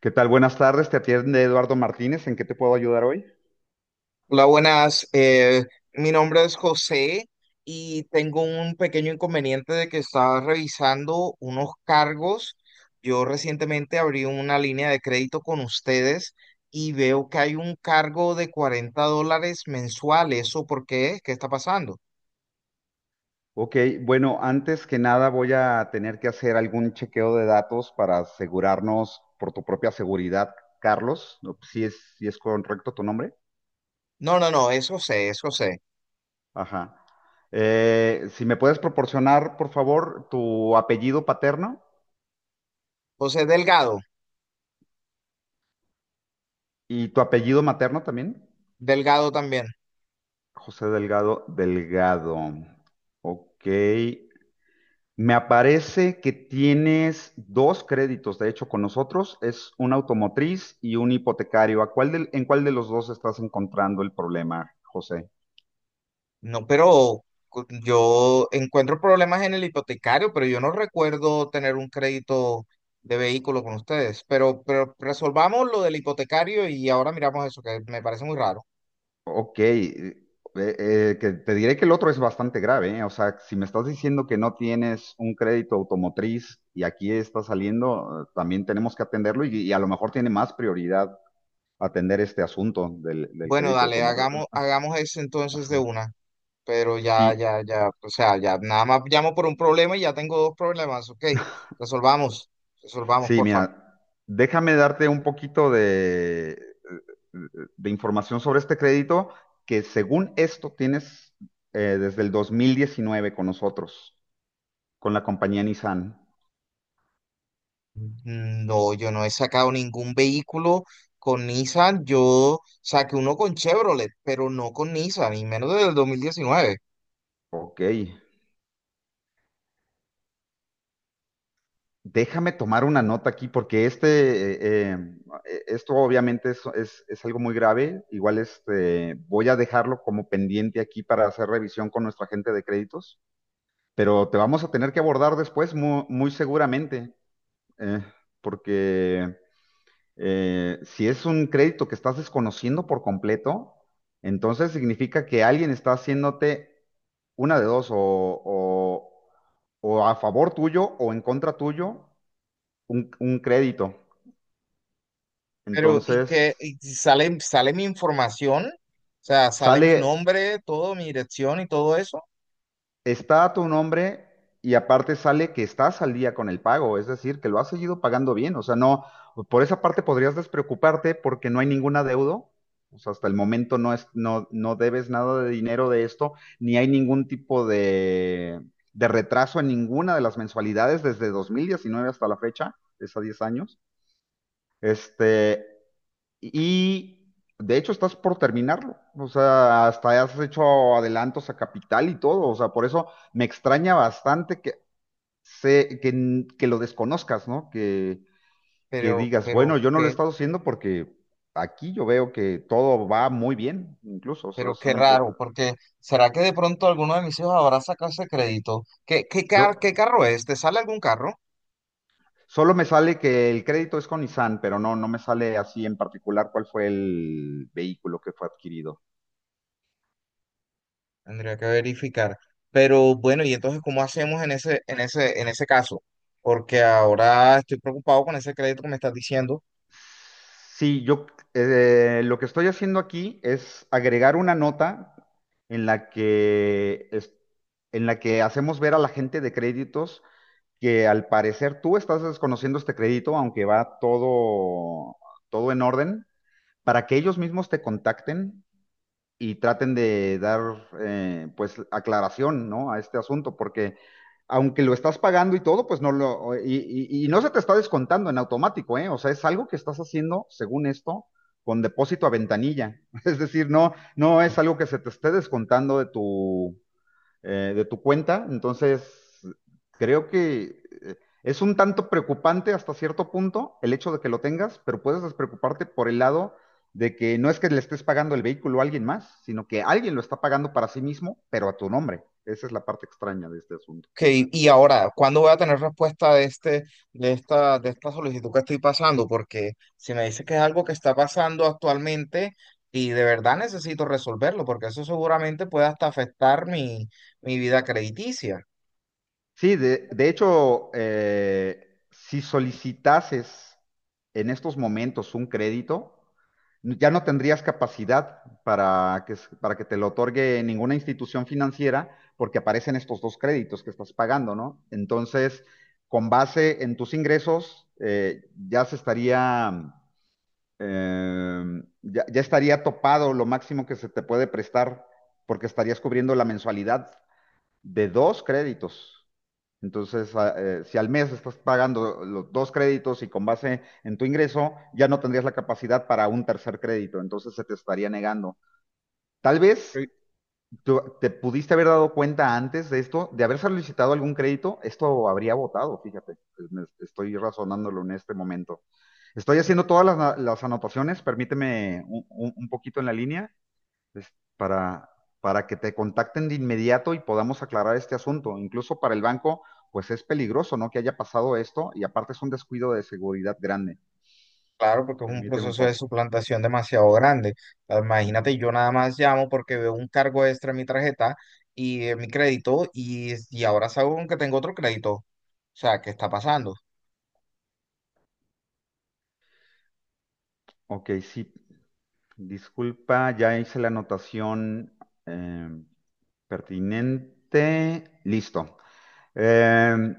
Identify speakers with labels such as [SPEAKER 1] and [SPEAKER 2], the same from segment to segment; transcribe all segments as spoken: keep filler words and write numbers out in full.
[SPEAKER 1] ¿Qué tal? Buenas tardes, te atiende Eduardo Martínez. ¿En qué te puedo ayudar hoy?
[SPEAKER 2] Hola, buenas. Eh, mi nombre es José y tengo un pequeño inconveniente de que estaba revisando unos cargos. Yo recientemente abrí una línea de crédito con ustedes y veo que hay un cargo de cuarenta dólares mensual. ¿Eso por qué? ¿Qué está pasando?
[SPEAKER 1] Ok, bueno, antes que nada voy a tener que hacer algún chequeo de datos para asegurarnos por tu propia seguridad, Carlos. ¿No? Si es, si es correcto tu nombre.
[SPEAKER 2] No, no, no, es José, es José.
[SPEAKER 1] Ajá. Eh, si me puedes proporcionar, por favor, tu apellido paterno
[SPEAKER 2] José Delgado,
[SPEAKER 1] y tu apellido materno también.
[SPEAKER 2] Delgado también.
[SPEAKER 1] José Delgado, Delgado. Ok. Me aparece que tienes dos créditos, de hecho, con nosotros. Es un automotriz y un hipotecario. ¿A cuál del- ¿en cuál de los dos estás encontrando el problema, José?
[SPEAKER 2] No, pero cu- yo encuentro problemas en el hipotecario, pero yo no recuerdo tener un crédito de vehículo con ustedes. Pero, pero resolvamos lo del hipotecario y ahora miramos eso, que me parece muy raro.
[SPEAKER 1] Ok. Eh, eh, que te diré que el otro es bastante grave, ¿eh? O sea, si me estás diciendo que no tienes un crédito automotriz y aquí está saliendo, eh, también tenemos que atenderlo y, y a lo mejor tiene más prioridad atender este asunto del, del
[SPEAKER 2] Bueno,
[SPEAKER 1] crédito
[SPEAKER 2] dale,
[SPEAKER 1] automotriz.
[SPEAKER 2] hagamos, hagamos eso entonces de una. Pero ya,
[SPEAKER 1] Sí,
[SPEAKER 2] ya, ya, o sea, ya nada más llamo por un problema y ya tengo dos problemas, ok. Resolvamos, resolvamos,
[SPEAKER 1] sí,
[SPEAKER 2] porfa.
[SPEAKER 1] mira, déjame darte un poquito de, de información sobre este crédito que según esto tienes eh, desde el dos mil diecinueve con nosotros, con la compañía Nissan.
[SPEAKER 2] Mm, no, yo no he sacado ningún vehículo con Nissan. Yo saqué uno con Chevrolet, pero no con Nissan, y menos desde el dos mil diecinueve.
[SPEAKER 1] Ok, déjame tomar una nota aquí porque este, eh, em, eh, esto obviamente es, es- es algo muy grave. Igual este, voy a dejarlo como pendiente aquí para hacer revisión con nuestra gente de créditos, pero te vamos a tener que abordar después mu- muy seguramente. eh, porque eh, si es un crédito que estás desconociendo por completo, entonces significa que alguien está haciéndote una de dos, o, o- o a favor tuyo o en contra tuyo, un, un crédito.
[SPEAKER 2] Pero, y que
[SPEAKER 1] Entonces,
[SPEAKER 2] y sale, sale mi información, o sea, sale
[SPEAKER 1] sale
[SPEAKER 2] mi nombre, todo, mi dirección y todo eso.
[SPEAKER 1] está a tu nombre y aparte sale que estás al día con el pago, es decir, que lo has seguido pagando bien. O sea, no, por esa parte podrías despreocuparte porque no hay ningún adeudo. O sea, hasta el momento no es, no, no debes nada de dinero de esto, ni hay ningún tipo de, de retraso en ninguna de las mensualidades desde dos mil diecinueve hasta la fecha, es a diez años. Este, y de hecho estás por terminarlo. O sea, hasta has hecho adelantos a capital y todo. O sea, por eso me extraña bastante que, se, que, n- que lo desconozcas, ¿no? Que, que
[SPEAKER 2] Pero,
[SPEAKER 1] digas,
[SPEAKER 2] pero,
[SPEAKER 1] bueno, yo no lo he
[SPEAKER 2] qué,
[SPEAKER 1] estado haciendo porque aquí yo veo que todo va muy bien, incluso. O sea,
[SPEAKER 2] pero
[SPEAKER 1] es
[SPEAKER 2] qué
[SPEAKER 1] un- eh,
[SPEAKER 2] raro, porque ¿será que de pronto alguno de mis hijos habrá sacado ese crédito? ¿Qué, qué,
[SPEAKER 1] yo
[SPEAKER 2] car- qué carro es? ¿Te sale algún carro?
[SPEAKER 1] solo me sale que el crédito es con Nissan, pero no, no me sale así en particular cuál fue el vehículo que fue adquirido.
[SPEAKER 2] Tendría que verificar. Pero bueno, y entonces, ¿cómo hacemos en ese, en ese, en ese caso? Porque ahora estoy preocupado con ese crédito que me estás diciendo.
[SPEAKER 1] Sí, yo eh, lo que estoy haciendo aquí es agregar una nota en la que es- en la que hacemos ver a la gente de créditos que al parecer tú estás desconociendo este crédito, aunque va todo todo en orden, para que ellos mismos te contacten y traten de dar eh, pues aclaración, ¿no? A este asunto, porque aunque lo estás pagando y todo, pues no lo, y, y- y no se te está descontando en automático, ¿eh? O sea, es algo que estás haciendo, según esto, con depósito a ventanilla. Es decir, no, no es algo que se te esté descontando de tu, eh, de tu cuenta. Entonces, creo que eh, es un tanto preocupante hasta cierto punto el hecho de que lo tengas, pero puedes despreocuparte por el lado de que no es que le estés pagando el vehículo a alguien más, sino que alguien lo está pagando para sí mismo, pero a tu nombre. Esa es la parte extraña de este asunto.
[SPEAKER 2] Que, y ahora, ¿cuándo voy a tener respuesta de este, de esta, de esta solicitud que estoy pasando? Porque si me dice que es algo que está pasando actualmente y de verdad necesito resolverlo, porque eso seguramente puede hasta afectar mi, mi vida crediticia.
[SPEAKER 1] Sí, de, de hecho, eh, si solicitases en estos momentos un crédito, ya no tendrías capacidad para que, s- para que te lo otorgue ninguna institución financiera porque aparecen estos dos créditos que estás pagando, ¿no? Entonces, con base en tus ingresos, eh, ya se estaría, eh, ya, ya estaría topado lo máximo que se te puede prestar porque estarías cubriendo la mensualidad de dos créditos. Entonces, a- eh, si al mes estás pagando los dos créditos y con base en tu ingreso, ya no tendrías la capacidad para un tercer crédito, entonces se te estaría negando. Tal vez tú- te pudiste haber dado cuenta antes de esto, de haber solicitado algún crédito, esto habría votado, fíjate, Me- estoy razonándolo en este momento. Estoy haciendo todas las, las anotaciones, permíteme un, un- un poquito en la línea es para, para que te contacten de inmediato y podamos aclarar este asunto. Incluso para el banco, pues es peligroso, ¿no? Que haya pasado esto y aparte es un descuido de seguridad grande.
[SPEAKER 2] Claro, porque es un
[SPEAKER 1] Permíteme un
[SPEAKER 2] proceso de
[SPEAKER 1] poco.
[SPEAKER 2] suplantación demasiado grande. Ah,
[SPEAKER 1] Ujú.
[SPEAKER 2] imagínate, yo nada más llamo porque veo un cargo extra en mi tarjeta y en mi crédito y, y ahora salgo que tengo otro crédito. O sea, ¿qué está pasando?
[SPEAKER 1] Ok, sí. Disculpa, ya hice la anotación eh, pertinente. Listo. Eh,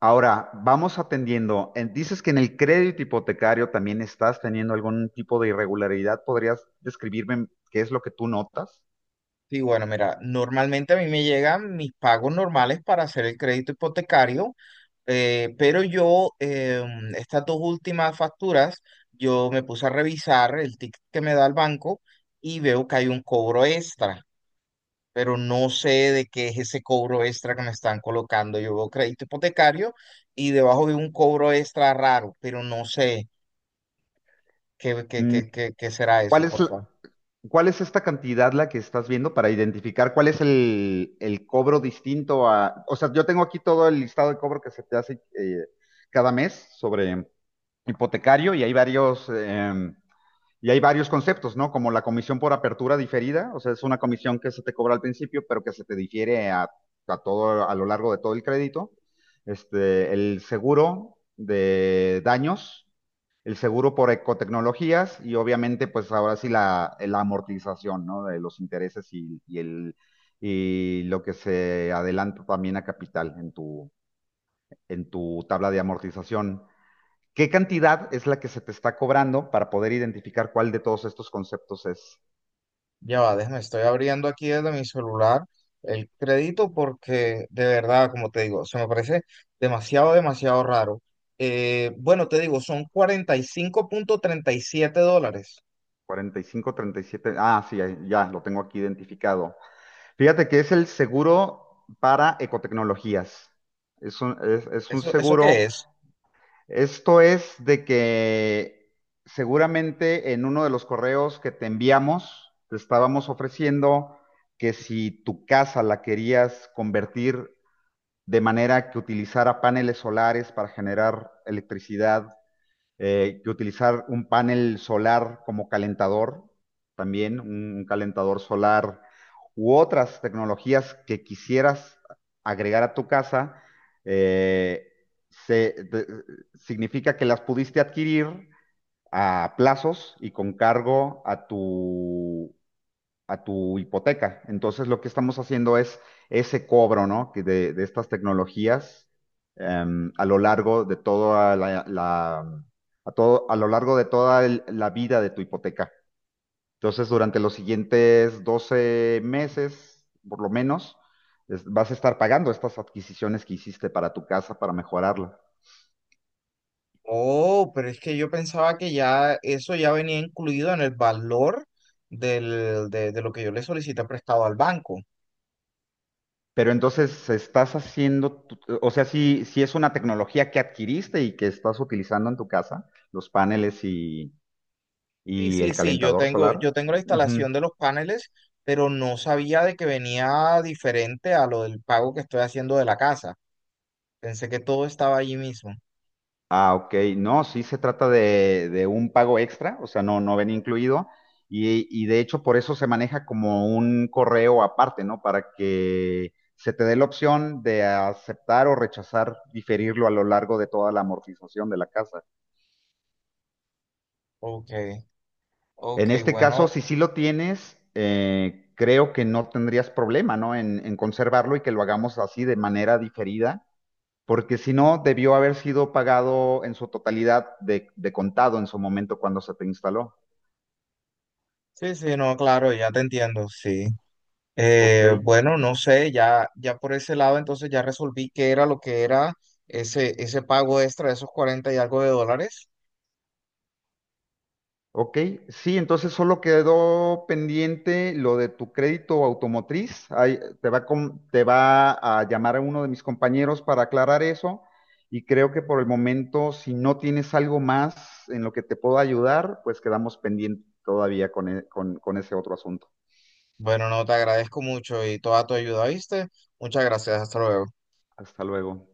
[SPEAKER 1] Ahora, vamos atendiendo. Eh, Dices que en el crédito hipotecario también estás teniendo algún tipo de irregularidad. ¿Podrías describirme qué es lo que tú notas?
[SPEAKER 2] Sí, bueno, mira, normalmente a mí me llegan mis pagos normales para hacer el crédito hipotecario, eh, pero yo, em, estas dos últimas facturas, yo me puse a revisar el ticket que me da el banco y veo que hay un cobro extra, pero no sé de qué es ese cobro extra que me están colocando. Yo veo crédito hipotecario y debajo veo un cobro extra raro, pero no sé qué, qué,
[SPEAKER 1] Mm,
[SPEAKER 2] qué, qué, qué será
[SPEAKER 1] ¿Cuál
[SPEAKER 2] eso,
[SPEAKER 1] es,
[SPEAKER 2] por
[SPEAKER 1] la-
[SPEAKER 2] favor.
[SPEAKER 1] ¿Cuál es esta cantidad la que estás viendo para identificar cuál es el, el cobro distinto a... O sea, yo tengo aquí todo el listado de cobro que se te hace eh, cada mes sobre... hipotecario y hay varios eh, y hay varios conceptos, ¿no? Como la comisión por apertura diferida, o sea, es una comisión que se te cobra al principio, pero que se te difiere a, a todo a lo largo de todo el crédito. Este, el seguro de daños, el seguro por ecotecnologías y obviamente, pues ahora sí la, la amortización, ¿no? De los intereses y, y el y lo que se adelanta también a capital en tu en tu tabla de amortización. ¿Qué cantidad es la que se te está cobrando para poder identificar cuál de todos estos conceptos es?
[SPEAKER 2] Ya va, déjame, estoy abriendo aquí desde mi celular el crédito porque de verdad, como te digo, se me parece demasiado, demasiado raro. Eh, bueno, te digo, son cuarenta y y cinco punto treinta y siete dólares.
[SPEAKER 1] cuarenta y cinco punto treinta y siete. Ah, sí, ya lo tengo aquí identificado. Fíjate que es el seguro para ecotecnologías. Es un, es, es un
[SPEAKER 2] ¿Eso, eso
[SPEAKER 1] seguro.
[SPEAKER 2] qué es?
[SPEAKER 1] Esto es de que seguramente en uno de los correos que te enviamos, te estábamos ofreciendo que si tu casa la querías convertir de manera que utilizara paneles solares para generar electricidad eh, que utilizar un panel solar como calentador, también un calentador solar u otras tecnologías que quisieras agregar a tu casa, eh, se, te- significa que las pudiste adquirir a plazos y con cargo a tu a tu hipoteca. Entonces, lo que estamos haciendo es ese cobro, ¿no? Que de, de estas tecnologías em, a lo largo de toda la, la- a todo, a lo largo de toda el- la vida de tu hipoteca. Entonces, durante los siguientes doce meses, por lo menos, es- vas a estar pagando estas adquisiciones que hiciste para tu casa para mejorarla.
[SPEAKER 2] Oh, pero es que yo pensaba que ya eso ya venía incluido en el valor del, de, de lo que yo le solicité prestado al banco.
[SPEAKER 1] Pero entonces estás haciendo, tu- o sea, si, si es una tecnología que adquiriste y que estás utilizando en tu casa, los paneles y
[SPEAKER 2] Sí,
[SPEAKER 1] ¿y
[SPEAKER 2] sí,
[SPEAKER 1] el
[SPEAKER 2] sí, yo
[SPEAKER 1] calentador
[SPEAKER 2] tengo,
[SPEAKER 1] solar?
[SPEAKER 2] yo tengo la
[SPEAKER 1] Ujú.
[SPEAKER 2] instalación de los paneles, pero no sabía de que venía diferente a lo del pago que estoy haciendo de la casa. Pensé que todo estaba allí mismo.
[SPEAKER 1] Ah, ok. No, sí se trata de, de un pago extra, o sea, no, no ven incluido. Y, y de hecho, por eso se maneja como un correo aparte, ¿no? Para que se te dé la opción de aceptar o rechazar, diferirlo a lo largo de toda la amortización de la casa.
[SPEAKER 2] Ok,
[SPEAKER 1] En
[SPEAKER 2] ok,
[SPEAKER 1] este caso,
[SPEAKER 2] bueno,
[SPEAKER 1] si sí lo tienes, eh, creo que no tendrías problema, ¿no? En, en conservarlo y que lo hagamos así de manera diferida porque si no, debió haber sido pagado en su totalidad de, de contado en su momento cuando se te instaló.
[SPEAKER 2] sí, sí, no, claro, ya te entiendo, sí.
[SPEAKER 1] Ok,
[SPEAKER 2] Eh, bueno, no sé, ya, ya por ese lado entonces ya resolví qué era lo que era ese, ese pago extra de esos cuarenta y algo de dólares.
[SPEAKER 1] ok. Sí, entonces solo quedó pendiente lo de tu crédito automotriz. Ahí te va, con- te va a llamar a uno de mis compañeros para aclarar eso. Y creo que por el momento, si no tienes algo más en lo que te puedo ayudar, pues quedamos pendientes todavía con, e- con con ese otro asunto.
[SPEAKER 2] Bueno, no, te agradezco mucho y toda tu ayuda, ¿viste? Muchas gracias, hasta luego.
[SPEAKER 1] Hasta luego.